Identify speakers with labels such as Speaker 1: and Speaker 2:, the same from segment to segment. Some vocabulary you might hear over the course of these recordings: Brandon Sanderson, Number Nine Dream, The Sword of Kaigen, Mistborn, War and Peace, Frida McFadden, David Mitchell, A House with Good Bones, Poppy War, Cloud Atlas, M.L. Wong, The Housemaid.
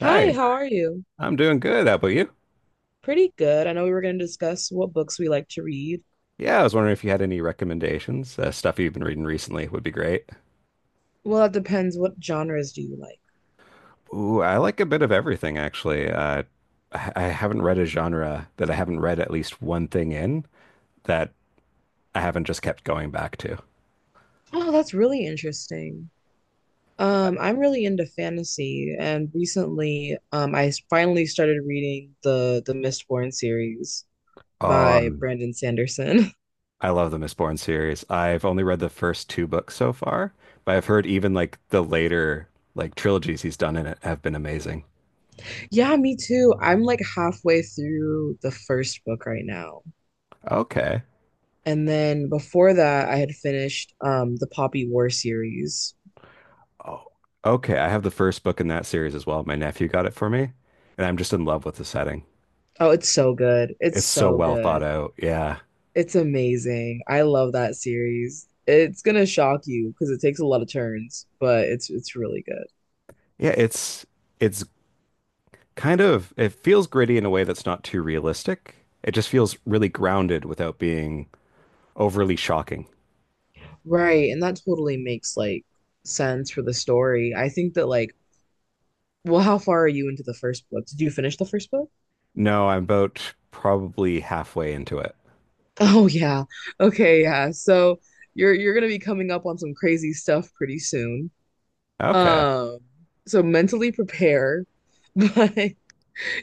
Speaker 1: Hi,
Speaker 2: Hi, how are you?
Speaker 1: I'm doing good. How about you?
Speaker 2: Pretty good. I know we were going to discuss what books we like to read.
Speaker 1: Yeah, I was wondering if you had any recommendations. Stuff you've been reading recently would be great.
Speaker 2: Well, it depends. What genres do you like?
Speaker 1: Ooh, I like a bit of everything, actually. I haven't read a genre that I haven't read at least one thing in that I haven't just kept going back to.
Speaker 2: Oh, that's really interesting. I'm really into fantasy, and recently, finally started reading the Mistborn series
Speaker 1: Oh,
Speaker 2: by
Speaker 1: um,
Speaker 2: Brandon Sanderson.
Speaker 1: I love the Mistborn series. I've only read the first two books so far, but I've heard even like the later like trilogies he's done in it have been amazing.
Speaker 2: Yeah, me too. I'm like halfway through the first book right now.
Speaker 1: Okay.
Speaker 2: And then before that, I had finished the Poppy War series.
Speaker 1: Oh, okay. I have the first book in that series as well. My nephew got it for me, and I'm just in love with the setting.
Speaker 2: Oh, it's so good. It's
Speaker 1: It's so
Speaker 2: so
Speaker 1: well thought
Speaker 2: good.
Speaker 1: out. Yeah.
Speaker 2: It's amazing. I love that series. It's gonna shock you because it takes a lot of turns, but it's really good.
Speaker 1: Yeah, it's kind of it feels gritty in a way that's not too realistic. It just feels really grounded without being overly shocking.
Speaker 2: Right, and that totally makes like sense for the story. I think that like, well, how far are you into the first book? Did you finish the first book?
Speaker 1: No, I'm about probably halfway into it.
Speaker 2: Oh yeah. Okay, yeah. So you're gonna be coming up on some crazy stuff pretty soon.
Speaker 1: Okay.
Speaker 2: Um, so mentally prepare, but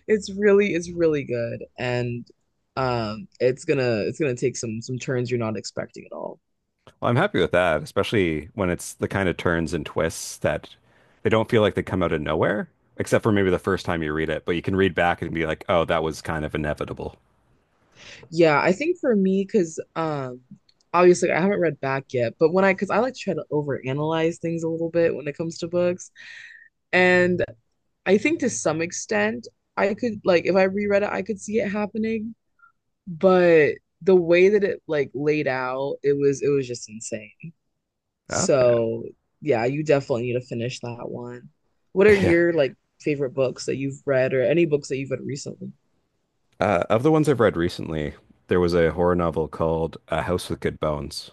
Speaker 2: it's really good and it's gonna take some turns you're not expecting at all.
Speaker 1: Well, I'm happy with that, especially when it's the kind of turns and twists that they don't feel like they come out of nowhere, except for maybe the first time you read it, but you can read back and be like, oh, that was kind of inevitable.
Speaker 2: Yeah, I think for me, because obviously I haven't read back yet, but when I because I like to try to overanalyze things a little bit when it comes to books. And I think to some extent I could, like, if I reread it, I could see it happening, but the way that it like laid out, it was just insane.
Speaker 1: Okay.
Speaker 2: So yeah, you definitely need to finish that one. What are your like favorite books that you've read or any books that you've read recently?
Speaker 1: Of the ones I've read recently, there was a horror novel called A House with Good Bones,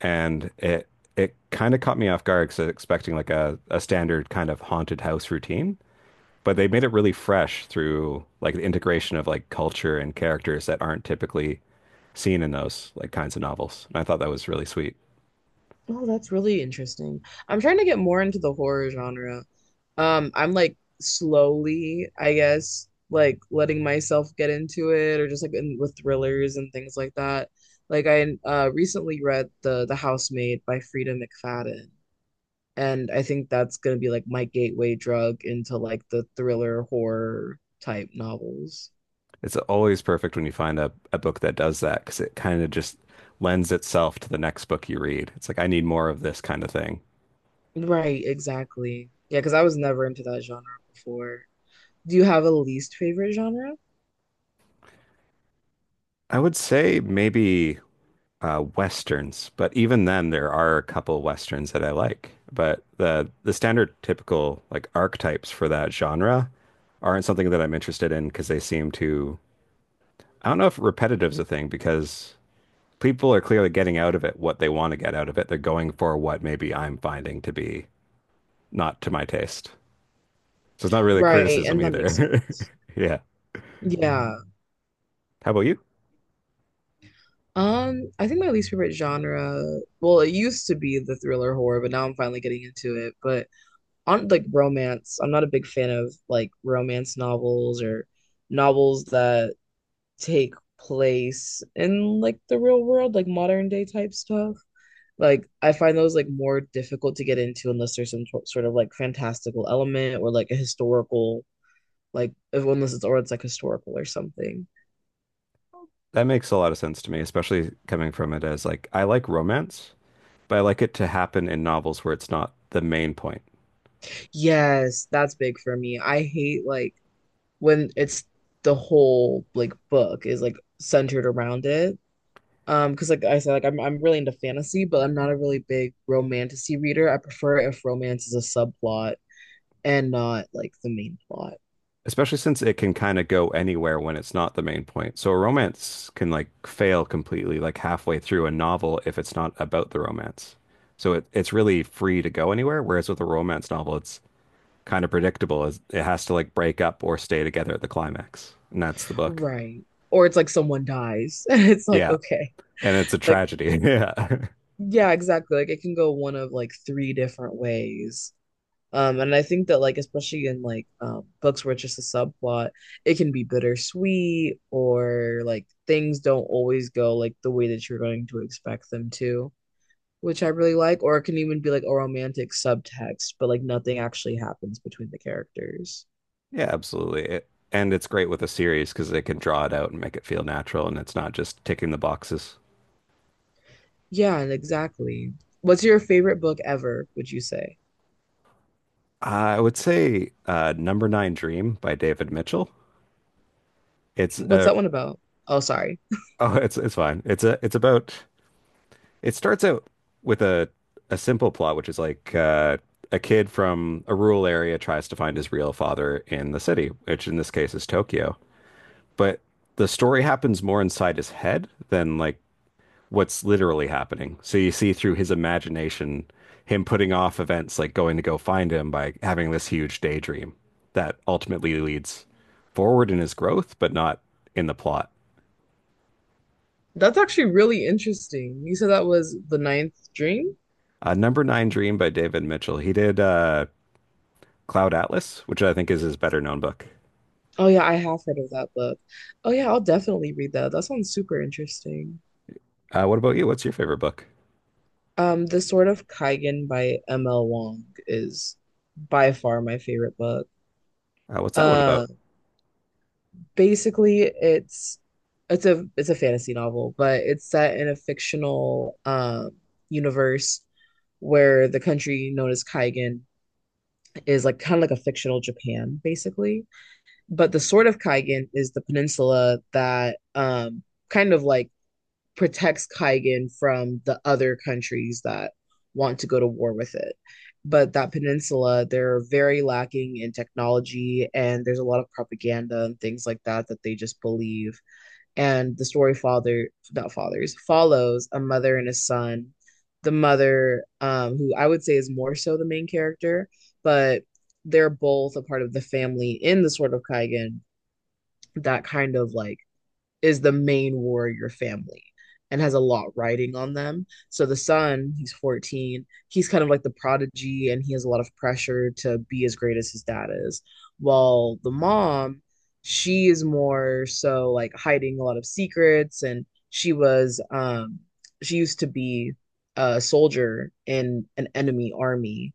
Speaker 1: and it kind of caught me off guard because I was expecting like a standard kind of haunted house routine, but they made it really fresh through like the integration of like culture and characters that aren't typically seen in those like kinds of novels. And I thought that was really sweet.
Speaker 2: Oh, that's really interesting. I'm trying to get more into the horror genre. I'm like slowly, I guess, like letting myself get into it or just like with thrillers and things like that. Like I recently read The Housemaid by Frida McFadden. And I think that's gonna be like my gateway drug into like the thriller horror type novels.
Speaker 1: It's always perfect when you find a book that does that because it kind of just lends itself to the next book you read. It's like, I need more of this kind of thing.
Speaker 2: Right, exactly. Yeah, because I was never into that genre before. Do you have a least favorite genre?
Speaker 1: I would say maybe Westerns, but even then there are a couple Westerns that I like. But the standard typical like archetypes for that genre aren't something that I'm interested in because they seem too, I don't know if repetitive's a thing, because people are clearly getting out of it what they want to get out of it. They're going for what maybe I'm finding to be not to my taste. So it's not really a
Speaker 2: Right,
Speaker 1: criticism
Speaker 2: and that makes
Speaker 1: either.
Speaker 2: sense.
Speaker 1: Yeah.
Speaker 2: Yeah.
Speaker 1: How about you?
Speaker 2: I think my least favorite genre, well, it used to be the thriller horror, but now I'm finally getting into it. But on like romance, I'm not a big fan of like romance novels or novels that take place in like the real world, like modern day type stuff. Like I find those like more difficult to get into unless there's sort of like fantastical element or like a historical, unless it's or it's like historical or something.
Speaker 1: That makes a lot of sense to me, especially coming from it as like I like romance, but I like it to happen in novels where it's not the main point.
Speaker 2: Yes, that's big for me. I hate like when it's the whole like book is like centered around it. Because like I said, like I'm really into fantasy, but I'm not a really big romantic reader. I prefer if romance is a subplot and not like the main plot.
Speaker 1: Especially since it can kind of go anywhere when it's not the main point. So a romance can like fail completely like halfway through a novel if it's not about the romance. So it's really free to go anywhere, whereas with a romance novel, it's kind of predictable. It's- It has to like break up or stay together at the climax. And that's the book.
Speaker 2: Right. Or it's like someone dies and it's like,
Speaker 1: Yeah.
Speaker 2: okay.
Speaker 1: And it's a
Speaker 2: Like,
Speaker 1: tragedy. Yeah.
Speaker 2: yeah, exactly. Like it can go one of like three different ways. And I think that like especially in like books where it's just a subplot, it can be bittersweet or like things don't always go like the way that you're going to expect them to, which I really like. Or it can even be like a romantic subtext, but like nothing actually happens between the characters.
Speaker 1: Yeah, absolutely. And it's great with a series because they can draw it out and make it feel natural and it's not just ticking the boxes.
Speaker 2: Yeah, and exactly. What's your favorite book ever, would you say?
Speaker 1: I would say Number Nine Dream by David Mitchell. It's
Speaker 2: What's
Speaker 1: uh—
Speaker 2: that one about? Oh, sorry.
Speaker 1: Oh, it's fine. It's about— it starts out with a simple plot, which is like a kid from a rural area tries to find his real father in the city, which in this case is Tokyo. But the story happens more inside his head than like what's literally happening. So you see through his imagination him putting off events like going to go find him by having this huge daydream that ultimately leads forward in his growth, but not in the plot.
Speaker 2: That's actually really interesting. You said that was The Ninth Dream?
Speaker 1: Number Nine Dream by David Mitchell. He did Cloud Atlas, which I think is his better known book.
Speaker 2: Oh yeah, I have heard of that book. Oh yeah, I'll definitely read that. That sounds super interesting.
Speaker 1: What about you? What's your favorite book?
Speaker 2: The Sword of Kaigen by M.L. Wong is by far my favorite book.
Speaker 1: What's that one about?
Speaker 2: Uh, basically it's a fantasy novel, but it's set in a fictional universe where the country known as Kaigan is like kind of like a fictional Japan, basically. But the Sword of Kaigan is the peninsula that kind of like protects Kaigan from the other countries that want to go to war with it. But that peninsula, they're very lacking in technology, and there's a lot of propaganda and things like that that they just believe. And the story, father not fathers, follows a mother and a son. The mother, who I would say is more so the main character, but they're both a part of the family in the Sword of Kaigen, that kind of like is the main warrior family and has a lot riding on them. So the son, he's 14, he's kind of like the prodigy and he has a lot of pressure to be as great as his dad is. While the mom, she is more so like hiding a lot of secrets and she used to be a soldier in an enemy army,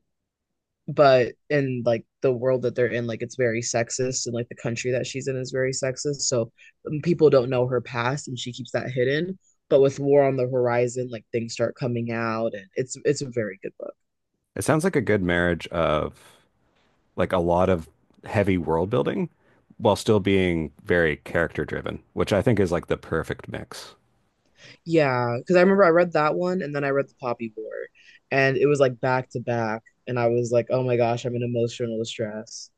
Speaker 2: but in like the world that they're in, like it's very sexist and like the country that she's in is very sexist, so people don't know her past and she keeps that hidden. But with War on the Horizon, like things start coming out and it's a very good book.
Speaker 1: It sounds like a good marriage of like a lot of heavy world building while still being very character driven, which I think is like the perfect mix.
Speaker 2: Yeah, because I remember I read that one and then I read The Poppy War, and it was like back to back, and I was like, oh my gosh, I'm in emotional distress.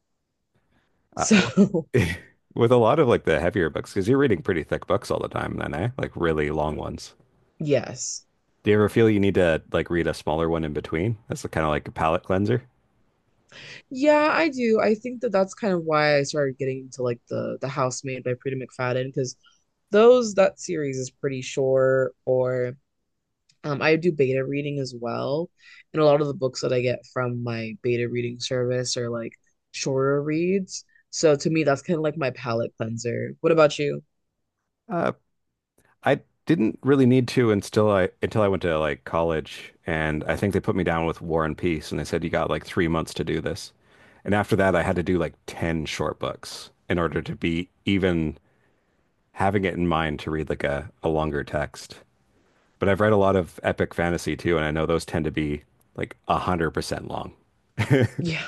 Speaker 1: Uh,
Speaker 2: So
Speaker 1: with a lot of like the heavier books, because you're reading pretty thick books all the time then, eh? Like really long ones.
Speaker 2: yes.
Speaker 1: Do you ever feel you need to like read a smaller one in between? That's kind of like a palate cleanser.
Speaker 2: Yeah, I do. I think that that's kind of why I started getting into like the House Made by Prita McFadden, because those that series is pretty short. Or I do beta reading as well, and a lot of the books that I get from my beta reading service are like shorter reads. So to me, that's kind of like my palate cleanser. What about you?
Speaker 1: Uh, I didn't really need to until I went to like college, and I think they put me down with War and Peace, and they said you got like 3 months to do this. And after that, I had to do like 10 short books in order to be even having it in mind to read like a longer text. But I've read a lot of epic fantasy too, and I know those tend to be like 100% long.
Speaker 2: Yeah,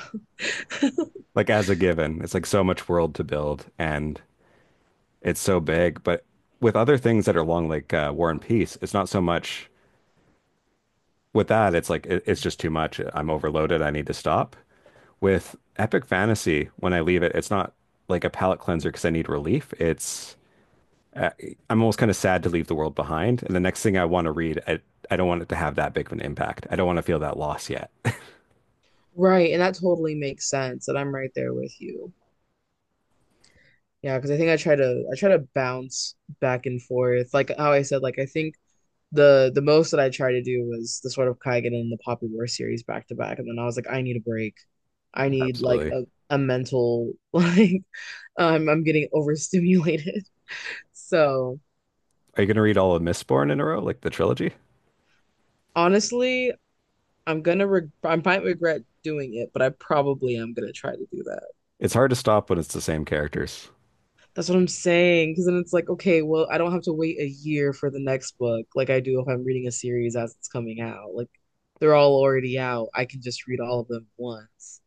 Speaker 1: Like as a given, it's like so much world to build and it's so big. But with other things that are long, like War and Peace, it's not so much— with that, it's like it's just too much. I'm overloaded. I need to stop. With Epic Fantasy, when I leave it, it's not like a palate cleanser because I need relief. It's— I'm almost kind of sad to leave the world behind. And the next thing I want to read, I don't want it to have that big of an impact. I don't want to feel that loss yet.
Speaker 2: right, and that totally makes sense. And I'm right there with you. Yeah, because I think I try to bounce back and forth. Like how I said, like I think, the most that I tried to do was the sort of Kaigen and the Poppy War series back to back, and then I was like, I need a break. I need like
Speaker 1: Absolutely.
Speaker 2: a mental like I'm getting overstimulated. So
Speaker 1: Are you going to read all of Mistborn in a row, like the trilogy?
Speaker 2: honestly, I'm gonna re I might regret doing it, but I probably am gonna try to do that.
Speaker 1: It's hard to stop when it's the same characters.
Speaker 2: That's what I'm saying. Because then it's like, okay, well, I don't have to wait a year for the next book like I do if I'm reading a series as it's coming out. Like they're all already out. I can just read all of them once.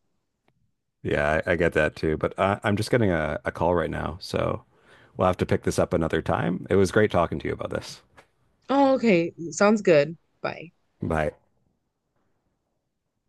Speaker 1: Yeah, I get that too. But I'm just getting a call right now, so we'll have to pick this up another time. It was great talking to you about this.
Speaker 2: Oh, okay. Sounds good. Bye.
Speaker 1: Bye.